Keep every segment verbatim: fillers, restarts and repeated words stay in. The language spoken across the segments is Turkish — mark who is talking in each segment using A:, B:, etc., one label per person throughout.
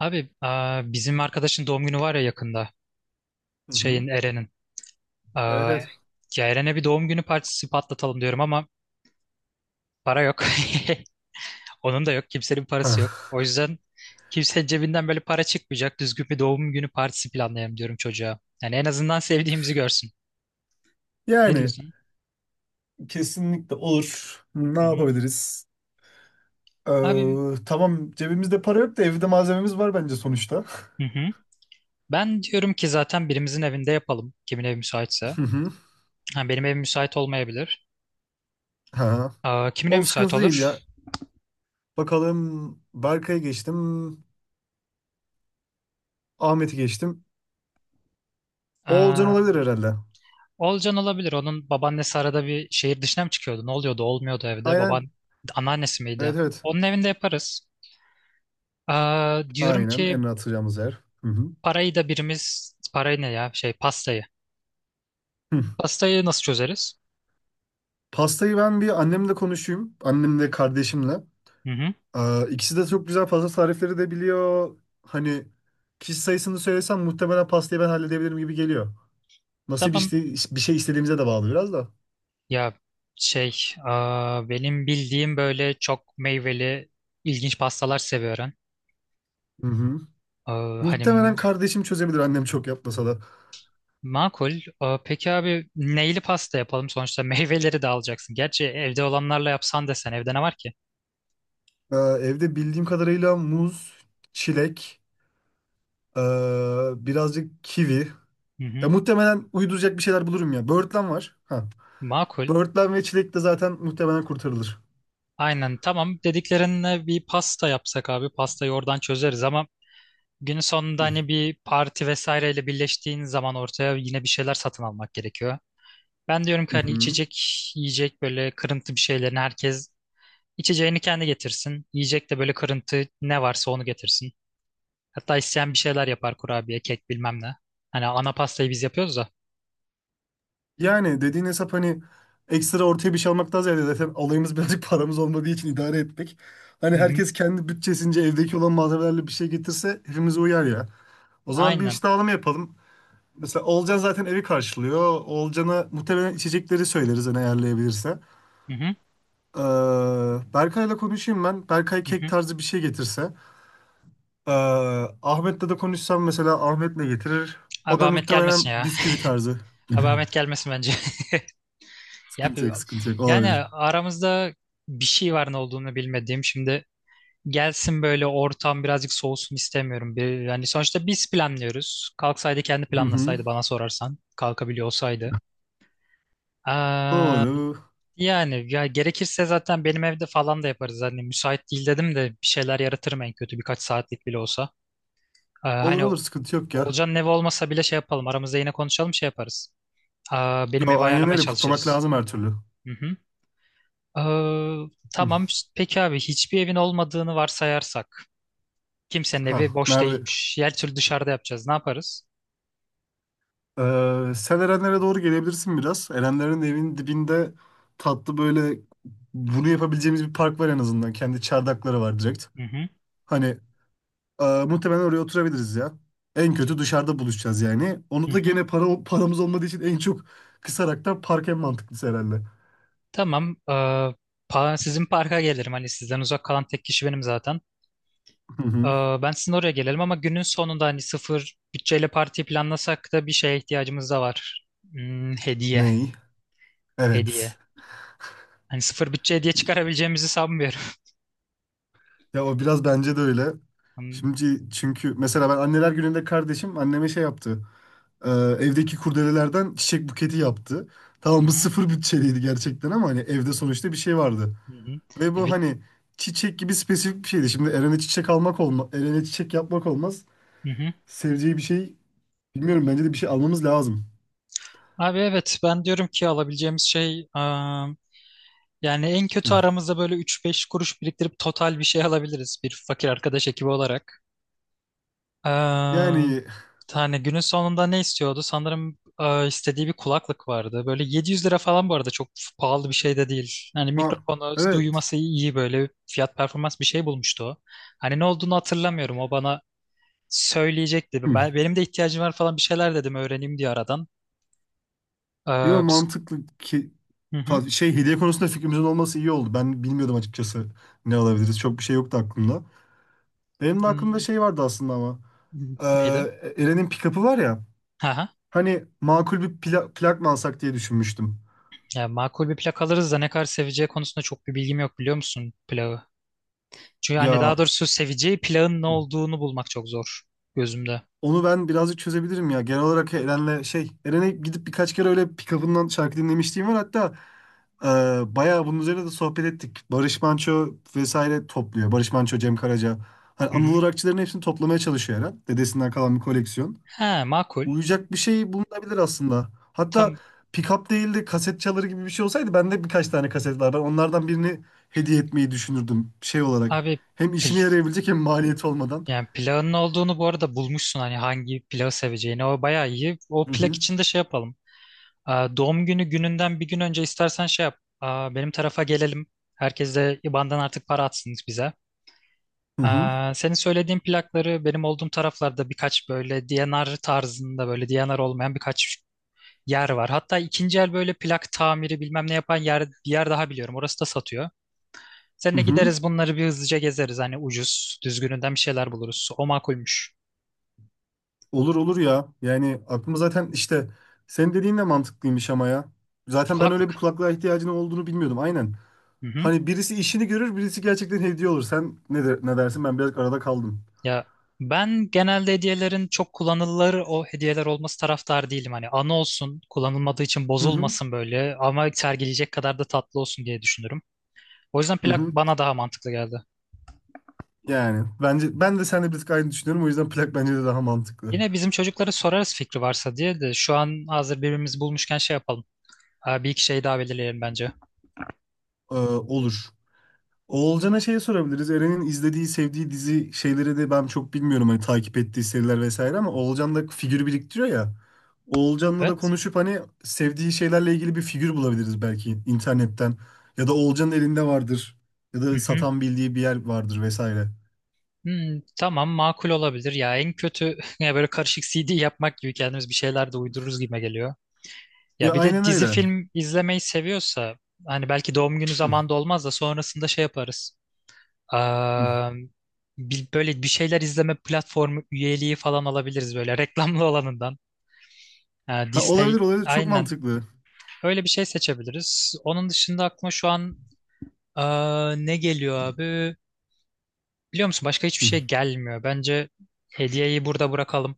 A: Abi aa, bizim arkadaşın doğum günü var ya yakında.
B: Hı hı.
A: Şeyin Eren'in.
B: Evet
A: Aa,
B: evet.
A: ya Eren'e bir doğum günü partisi patlatalım diyorum ama para yok. Onun da yok. Kimsenin parası yok.
B: Ha.
A: O yüzden kimsenin cebinden böyle para çıkmayacak. Düzgün bir doğum günü partisi planlayalım diyorum çocuğa. Yani en azından sevdiğimizi görsün. Ne
B: Yani
A: diyorsun?
B: kesinlikle olur. Ne
A: Hı hı.
B: yapabiliriz?
A: Abi
B: Ee, tamam, cebimizde para yok da evde malzememiz var bence sonuçta.
A: hı hı. Ben diyorum ki zaten birimizin evinde yapalım. Kimin evi müsaitse.
B: Hı hı.
A: Ha, benim evim müsait olmayabilir.
B: Ha.
A: Aa, kimin evi
B: O
A: müsait
B: sıkıntı değil
A: olur?
B: ya. Bakalım, Berkay'ı geçtim. Ahmet'i geçtim. Oğulcan olabilir herhalde.
A: Olcan olabilir. Onun babaannesi arada bir şehir dışına mı çıkıyordu? Ne oluyordu? Olmuyordu evde.
B: Aynen.
A: Baban anneannesi
B: Evet
A: miydi?
B: evet.
A: Onun evinde yaparız. Aa, diyorum
B: Aynen. En
A: ki
B: rahat atacağımız yer. Hı hı.
A: parayı da birimiz parayı ne ya? Şey pastayı.
B: Hı.
A: Pastayı nasıl çözeriz?
B: Pastayı ben bir annemle konuşayım. Annemle kardeşimle.
A: Hı hı.
B: Ee, İkisi de çok güzel pasta tarifleri de biliyor. Hani kişi sayısını söylesem muhtemelen pastayı ben halledebilirim gibi geliyor. Nasıl bir,
A: Tamam.
B: işte, bir şey istediğimize de bağlı biraz da.
A: Ya şey aa, benim bildiğim böyle çok meyveli ilginç pastalar seviyorum.
B: Hı hı.
A: Aa, hani
B: Muhtemelen kardeşim çözebilir, annem çok yapmasa da.
A: makul. Aa, peki abi neyli pasta yapalım? Sonuçta meyveleri de alacaksın. Gerçi evde olanlarla yapsan desen evde ne var ki?
B: Ee, Evde bildiğim kadarıyla muz, çilek, ee, birazcık kivi.
A: Hı
B: Ya
A: hı.
B: muhtemelen uyduracak bir şeyler bulurum ya. Böğürtlen var. Ha.
A: Makul.
B: Böğürtlen ve çilek de zaten muhtemelen kurtarılır.
A: Aynen tamam. Dediklerine bir pasta yapsak abi. Pastayı oradan çözeriz ama günün sonunda
B: Hı
A: hani bir parti vesaireyle birleştiğin zaman ortaya yine bir şeyler satın almak gerekiyor. Ben diyorum ki hani
B: hı.
A: içecek, yiyecek böyle kırıntı bir şeylerini herkes içeceğini kendi getirsin. Yiyecek de böyle kırıntı ne varsa onu getirsin. Hatta isteyen bir şeyler yapar kurabiye, kek bilmem ne. Hani ana pastayı biz yapıyoruz da.
B: Yani dediğin hesap, hani ekstra ortaya bir şey almaktan ziyade zaten alayımız birazcık paramız olmadığı için idare etmek. Hani
A: Hı hı.
B: herkes kendi bütçesince evdeki olan malzemelerle bir şey getirse hepimize uyar ya. O zaman bir
A: Aynen.
B: iş dağılımı yapalım. Mesela Olcan zaten evi karşılıyor. Olcan'a muhtemelen içecekleri söyleriz hani ayarlayabilirse.
A: Hı hı.
B: Ee, Berkay'la konuşayım ben. Berkay
A: Hı
B: kek
A: hı.
B: tarzı bir şey getirse. Ee, Ahmet'le de konuşsam, mesela Ahmet ne getirir? O
A: Abi
B: da
A: Ahmet gelmesin
B: muhtemelen
A: ya.
B: bisküvi tarzı.
A: Abi Ahmet gelmesin bence. Ya,
B: Sıkıntı
A: bir-
B: yok, sıkıntı yok.
A: yani
B: Olabilir.
A: aramızda bir şey var ne olduğunu bilmediğim. Şimdi gelsin böyle ortam birazcık soğusun istemiyorum. Bir, yani sonuçta biz planlıyoruz. Kalksaydı kendi
B: Hı hı.
A: planlasaydı bana sorarsan. Kalkabiliyor olsaydı. Aa,
B: Doğru.
A: yani ya gerekirse zaten benim evde falan da yaparız. Hani müsait değil dedim de bir şeyler yaratırım en kötü birkaç saatlik bile olsa. Aa, hani
B: Olur olur, sıkıntı yok ya.
A: Olcan'ın evi olmasa bile şey yapalım. Aramızda yine konuşalım şey yaparız. Aa, benim
B: Yo,
A: evi
B: aynen
A: ayarlamaya
B: öyle, kutlamak
A: çalışırız.
B: lazım her türlü.
A: Hı hı. Ee,
B: Hı.
A: tamam. işte peki abi hiçbir evin olmadığını varsayarsak. Kimsenin evi
B: Ha,
A: boş
B: nerede?
A: değilmiş. Her türlü dışarıda yapacağız. Ne yaparız?
B: Ee, sen Erenlere doğru gelebilirsin biraz. Erenlerin evinin dibinde tatlı böyle bunu yapabileceğimiz bir park var en azından. Kendi çardakları var direkt.
A: Hı hı.
B: Hani e, muhtemelen oraya oturabiliriz ya. En kötü dışarıda buluşacağız yani.
A: Hı
B: Onu da
A: hı.
B: gene para paramız olmadığı için en çok kısaraktan park en mantıklısı herhalde.
A: Tamam. Ee, pa- sizin parka gelirim. Hani sizden uzak kalan tek kişi benim zaten.
B: Hı
A: Ee,
B: hı.
A: ben sizin oraya gelelim ama günün sonunda hani sıfır bütçeyle parti planlasak da bir şeye ihtiyacımız da var. Hmm, hediye.
B: Ney?
A: Hediye.
B: Evet.
A: Hani sıfır bütçe hediye çıkarabileceğimizi sanmıyorum.
B: Ya o biraz bence de öyle.
A: Hmm,
B: Şimdi çünkü mesela ben anneler gününde kardeşim anneme şey yaptı. Ee, evdeki kurdelelerden çiçek buketi yaptı.
A: Hı
B: Tamam, bu
A: hı.
B: sıfır bütçeliydi gerçekten ama hani evde sonuçta bir şey vardı.
A: Hı hı.
B: Ve
A: E,
B: bu
A: bir-
B: hani çiçek gibi spesifik bir şeydi. Şimdi Eren'e çiçek almak olmaz. Eren'e çiçek yapmak olmaz.
A: hı hı.
B: Seveceği bir şey bilmiyorum, bence de bir şey almamız lazım.
A: Abi evet ben diyorum ki alabileceğimiz şey ıı, yani en
B: Hı.
A: kötü aramızda böyle üç beş kuruş biriktirip total bir şey alabiliriz bir fakir arkadaş ekibi olarak. Ee,
B: Yani
A: hani günün sonunda ne istiyordu? Sanırım e, istediği bir kulaklık vardı. Böyle yedi yüz lira falan bu arada çok pahalı bir şey de değil. Hani
B: ma
A: mikrofonu
B: evet.
A: duyması iyi böyle fiyat performans bir şey bulmuştu o. Hani ne olduğunu hatırlamıyorum. O bana söyleyecekti.
B: Hı.
A: Ben, benim de ihtiyacım var falan bir şeyler dedim öğreneyim diye aradan. Ee,
B: Yo,
A: biz-
B: mantıklı ki
A: hı hı.
B: Pa- Şey hediye konusunda fikrimizin olması iyi oldu. Ben bilmiyordum açıkçası ne alabiliriz. Çok bir şey yoktu aklımda. Benim de aklımda
A: Hmm,
B: şey vardı aslında ama.
A: neydi?
B: Ee, Eren'in pick-up'ı var ya. Hani makul bir pla- plak mı alsak diye düşünmüştüm.
A: Ya makul bir plak alırız da ne kadar seveceği konusunda çok bir bilgim yok biliyor musun plağı? Çünkü hani
B: Ya
A: daha doğrusu seveceği plağın ne olduğunu bulmak çok zor gözümde.
B: onu ben birazcık çözebilirim ya. Genel olarak Eren'le şey, Eren'e gidip birkaç kere öyle pick-up'ından şarkı dinlemişliğim var. Hatta e, bayağı bunun üzerine de sohbet ettik. Barış Manço vesaire topluyor. Barış Manço, Cem Karaca. Hani
A: Hı hı.
B: Anadolu rockçıların hepsini toplamaya çalışıyor Eren. Dedesinden kalan bir koleksiyon.
A: He makul.
B: Uyuyacak bir şey bulunabilir aslında. Hatta
A: Tam
B: pick-up değil de kaset çaları gibi bir şey olsaydı bende birkaç tane kaset var. Ben onlardan birini hediye etmeyi düşünürdüm şey olarak.
A: abi
B: Hem
A: pil,
B: işine yarayabilecek, hem maliyeti olmadan.
A: yani plağın ne olduğunu bu arada bulmuşsun hani hangi plağı seveceğini. O bayağı iyi. O
B: Hı
A: plak
B: hı.
A: için de şey yapalım. Aa, doğum günü gününden bir gün önce istersen şey yap. Aa, benim tarafa gelelim. Herkes de I B A N'dan artık para atsın bize.
B: Hı hı.
A: Aa, senin söylediğin plakları benim olduğum taraflarda birkaç böyle D ve R tarzında böyle D ve R olmayan birkaç yer var. Hatta ikinci el böyle plak tamiri bilmem ne yapan yer, bir yer daha biliyorum. Orası da satıyor.
B: Hı
A: Seninle
B: hı.
A: gideriz bunları bir hızlıca gezeriz. Hani ucuz, düzgününden bir şeyler buluruz. O makulmüş.
B: Olur olur ya. Yani aklıma zaten işte senin dediğin de mantıklıymış ama ya. Zaten ben öyle bir
A: Kulaklık.
B: kulaklığa ihtiyacının olduğunu bilmiyordum. Aynen.
A: Hı hı.
B: Hani birisi işini görür, birisi gerçekten hediye olur. Sen ne, de, ne dersin? Ben biraz arada kaldım.
A: Ya ben genelde hediyelerin çok kullanılır o hediyeler olması taraftar değilim. Hani anı olsun, kullanılmadığı için
B: Hı hı.
A: bozulmasın böyle ama sergileyecek kadar da tatlı olsun diye düşünürüm. O yüzden
B: Hı
A: plak
B: hı.
A: bana daha mantıklı geldi.
B: Yani bence ben de seninle bir tık aynı düşünüyorum. O yüzden plak bence de daha mantıklı.
A: Yine bizim çocuklara sorarız fikri varsa diye de şu an hazır birbirimizi bulmuşken şey yapalım. Aa, bir iki şey daha belirleyelim bence.
B: Ee, olur. Oğulcan'a şey sorabiliriz. Eren'in izlediği, sevdiği dizi şeyleri de ben çok bilmiyorum. Hani takip ettiği seriler vesaire ama Oğulcan da figür biriktiriyor ya. Oğulcan'la da
A: Evet.
B: konuşup hani sevdiği şeylerle ilgili bir figür bulabiliriz belki internetten. Ya da Oğulcan'ın elinde vardır. Ya
A: Hı
B: da
A: hı.
B: satan bildiği bir yer vardır vesaire.
A: Hmm, tamam makul olabilir. Ya en kötü ya böyle karışık C D yapmak gibi kendimiz bir şeyler de uydururuz gibime geliyor.
B: Ya
A: Ya bir de
B: aynen
A: dizi
B: öyle.
A: film izlemeyi seviyorsa hani belki doğum günü
B: Hı,
A: zamanında olmaz da sonrasında şey yaparız.
B: hı.
A: Aa, bir, böyle bir şeyler izleme platformu üyeliği falan alabiliriz böyle reklamlı olanından. Ha,
B: Ha, olabilir
A: Disney
B: olabilir. Çok
A: aynen
B: mantıklı.
A: Öyle bir şey seçebiliriz. Onun dışında aklıma şu an aa, ne geliyor abi? Biliyor musun başka hiçbir
B: Hı,
A: şey gelmiyor. Bence hediyeyi burada bırakalım.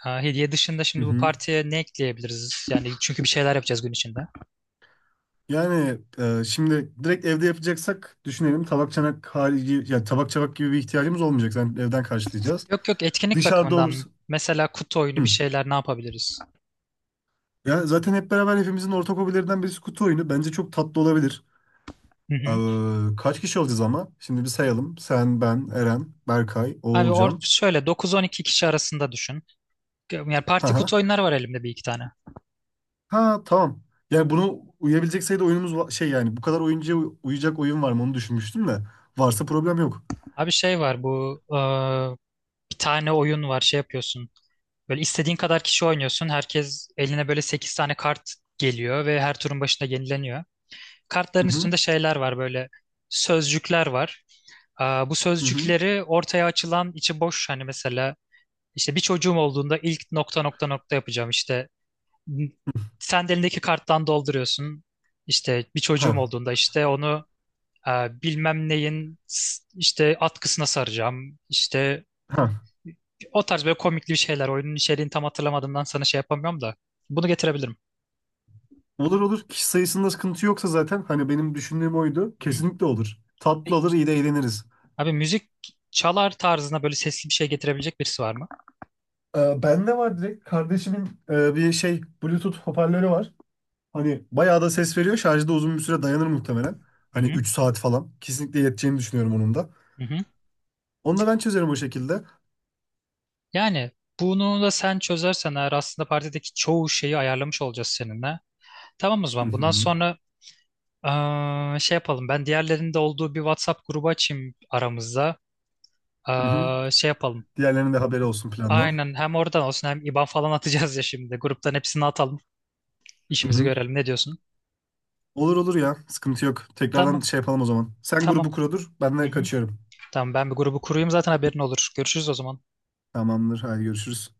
A: Ha, hediye dışında
B: hı
A: şimdi bu
B: hı.
A: partiye ne ekleyebiliriz? Yani çünkü bir şeyler yapacağız gün içinde.
B: Yani e, şimdi direkt evde yapacaksak düşünelim, tabak çanak harici yani tabak çabak gibi bir ihtiyacımız olmayacak. Zaten evden karşılayacağız.
A: Yok yok etkinlik
B: Dışarıda
A: bakımından
B: olursa.
A: mesela kutu oyunu bir
B: Hı.
A: şeyler ne yapabiliriz?
B: Ya zaten hep beraber hepimizin ortak hobilerinden birisi kutu oyunu. Bence çok tatlı olabilir.
A: Hı hı.
B: Ee, kaç kişi olacağız ama? Şimdi bir sayalım. Sen, ben, Eren, Berkay,
A: Abi or
B: Oğulcan.
A: şöyle dokuz on iki kişi arasında düşün. Yani
B: Ha
A: parti kutu
B: ha.
A: oyunları var elimde bir iki tane.
B: Ha, tamam. Yani bunu uyabilecek sayıda oyunumuz va- şey yani bu kadar oyuncuya uy- uyacak oyun var mı onu düşünmüştüm de, varsa problem yok.
A: Abi şey var bu aa, bir tane oyun var şey yapıyorsun. Böyle istediğin kadar kişi oynuyorsun. Herkes eline böyle sekiz tane kart geliyor ve her turun başında yenileniyor.
B: Hı
A: Kartların
B: hı.
A: üstünde şeyler var böyle sözcükler var. Aa, bu
B: Hı hı.
A: sözcükleri ortaya açılan içi boş hani mesela işte bir çocuğum olduğunda ilk nokta nokta nokta yapacağım işte sen de elindeki karttan dolduruyorsun. İşte bir çocuğum olduğunda işte onu e, bilmem neyin s- işte atkısına saracağım. İşte
B: Ha.
A: o tarz böyle komikli bir şeyler. Oyunun içeriğini tam hatırlamadığımdan sana şey yapamıyorum da. Bunu getirebilirim.
B: Olur olur. Kişi sayısında sıkıntı yoksa zaten hani benim düşündüğüm oydu.
A: Hı hı.
B: Kesinlikle olur. Tatlı
A: Peki.
B: olur, iyi de eğleniriz.
A: Abi müzik çalar tarzına böyle sesli bir şey getirebilecek birisi var mı?
B: Ee, bende var direkt. Kardeşimin e, bir şey Bluetooth hoparlörü var. Hani bayağı da ses veriyor. Şarjda uzun bir süre dayanır muhtemelen.
A: Hı
B: Hani
A: hı.
B: üç saat falan. Kesinlikle yeteceğini düşünüyorum onun da.
A: Hı hı.
B: Onu da ben çözerim o şekilde.
A: Yani bunu da sen çözersen eğer aslında partideki çoğu şeyi ayarlamış olacağız seninle. Tamam o
B: Hı
A: zaman bundan
B: hı.
A: sonra eee, şey yapalım. Ben diğerlerinin de olduğu bir WhatsApp grubu açayım aramızda.
B: Hı hı.
A: Eee, şey yapalım.
B: Diğerlerinin de haberi olsun plandan.
A: Aynen hem oradan olsun hem I B A N falan atacağız ya şimdi. Gruptan hepsini atalım.
B: Hı
A: İşimizi
B: hı.
A: görelim. Ne diyorsun?
B: Olur olur ya. Sıkıntı yok. Tekrardan
A: Tamam.
B: şey yapalım o zaman. Sen grubu
A: Tamam.
B: kuradır. Ben
A: Hı
B: de
A: hı.
B: kaçıyorum.
A: Tamam ben bir grubu kurayım zaten haberin olur. Görüşürüz o zaman.
B: Tamamdır. Hadi görüşürüz.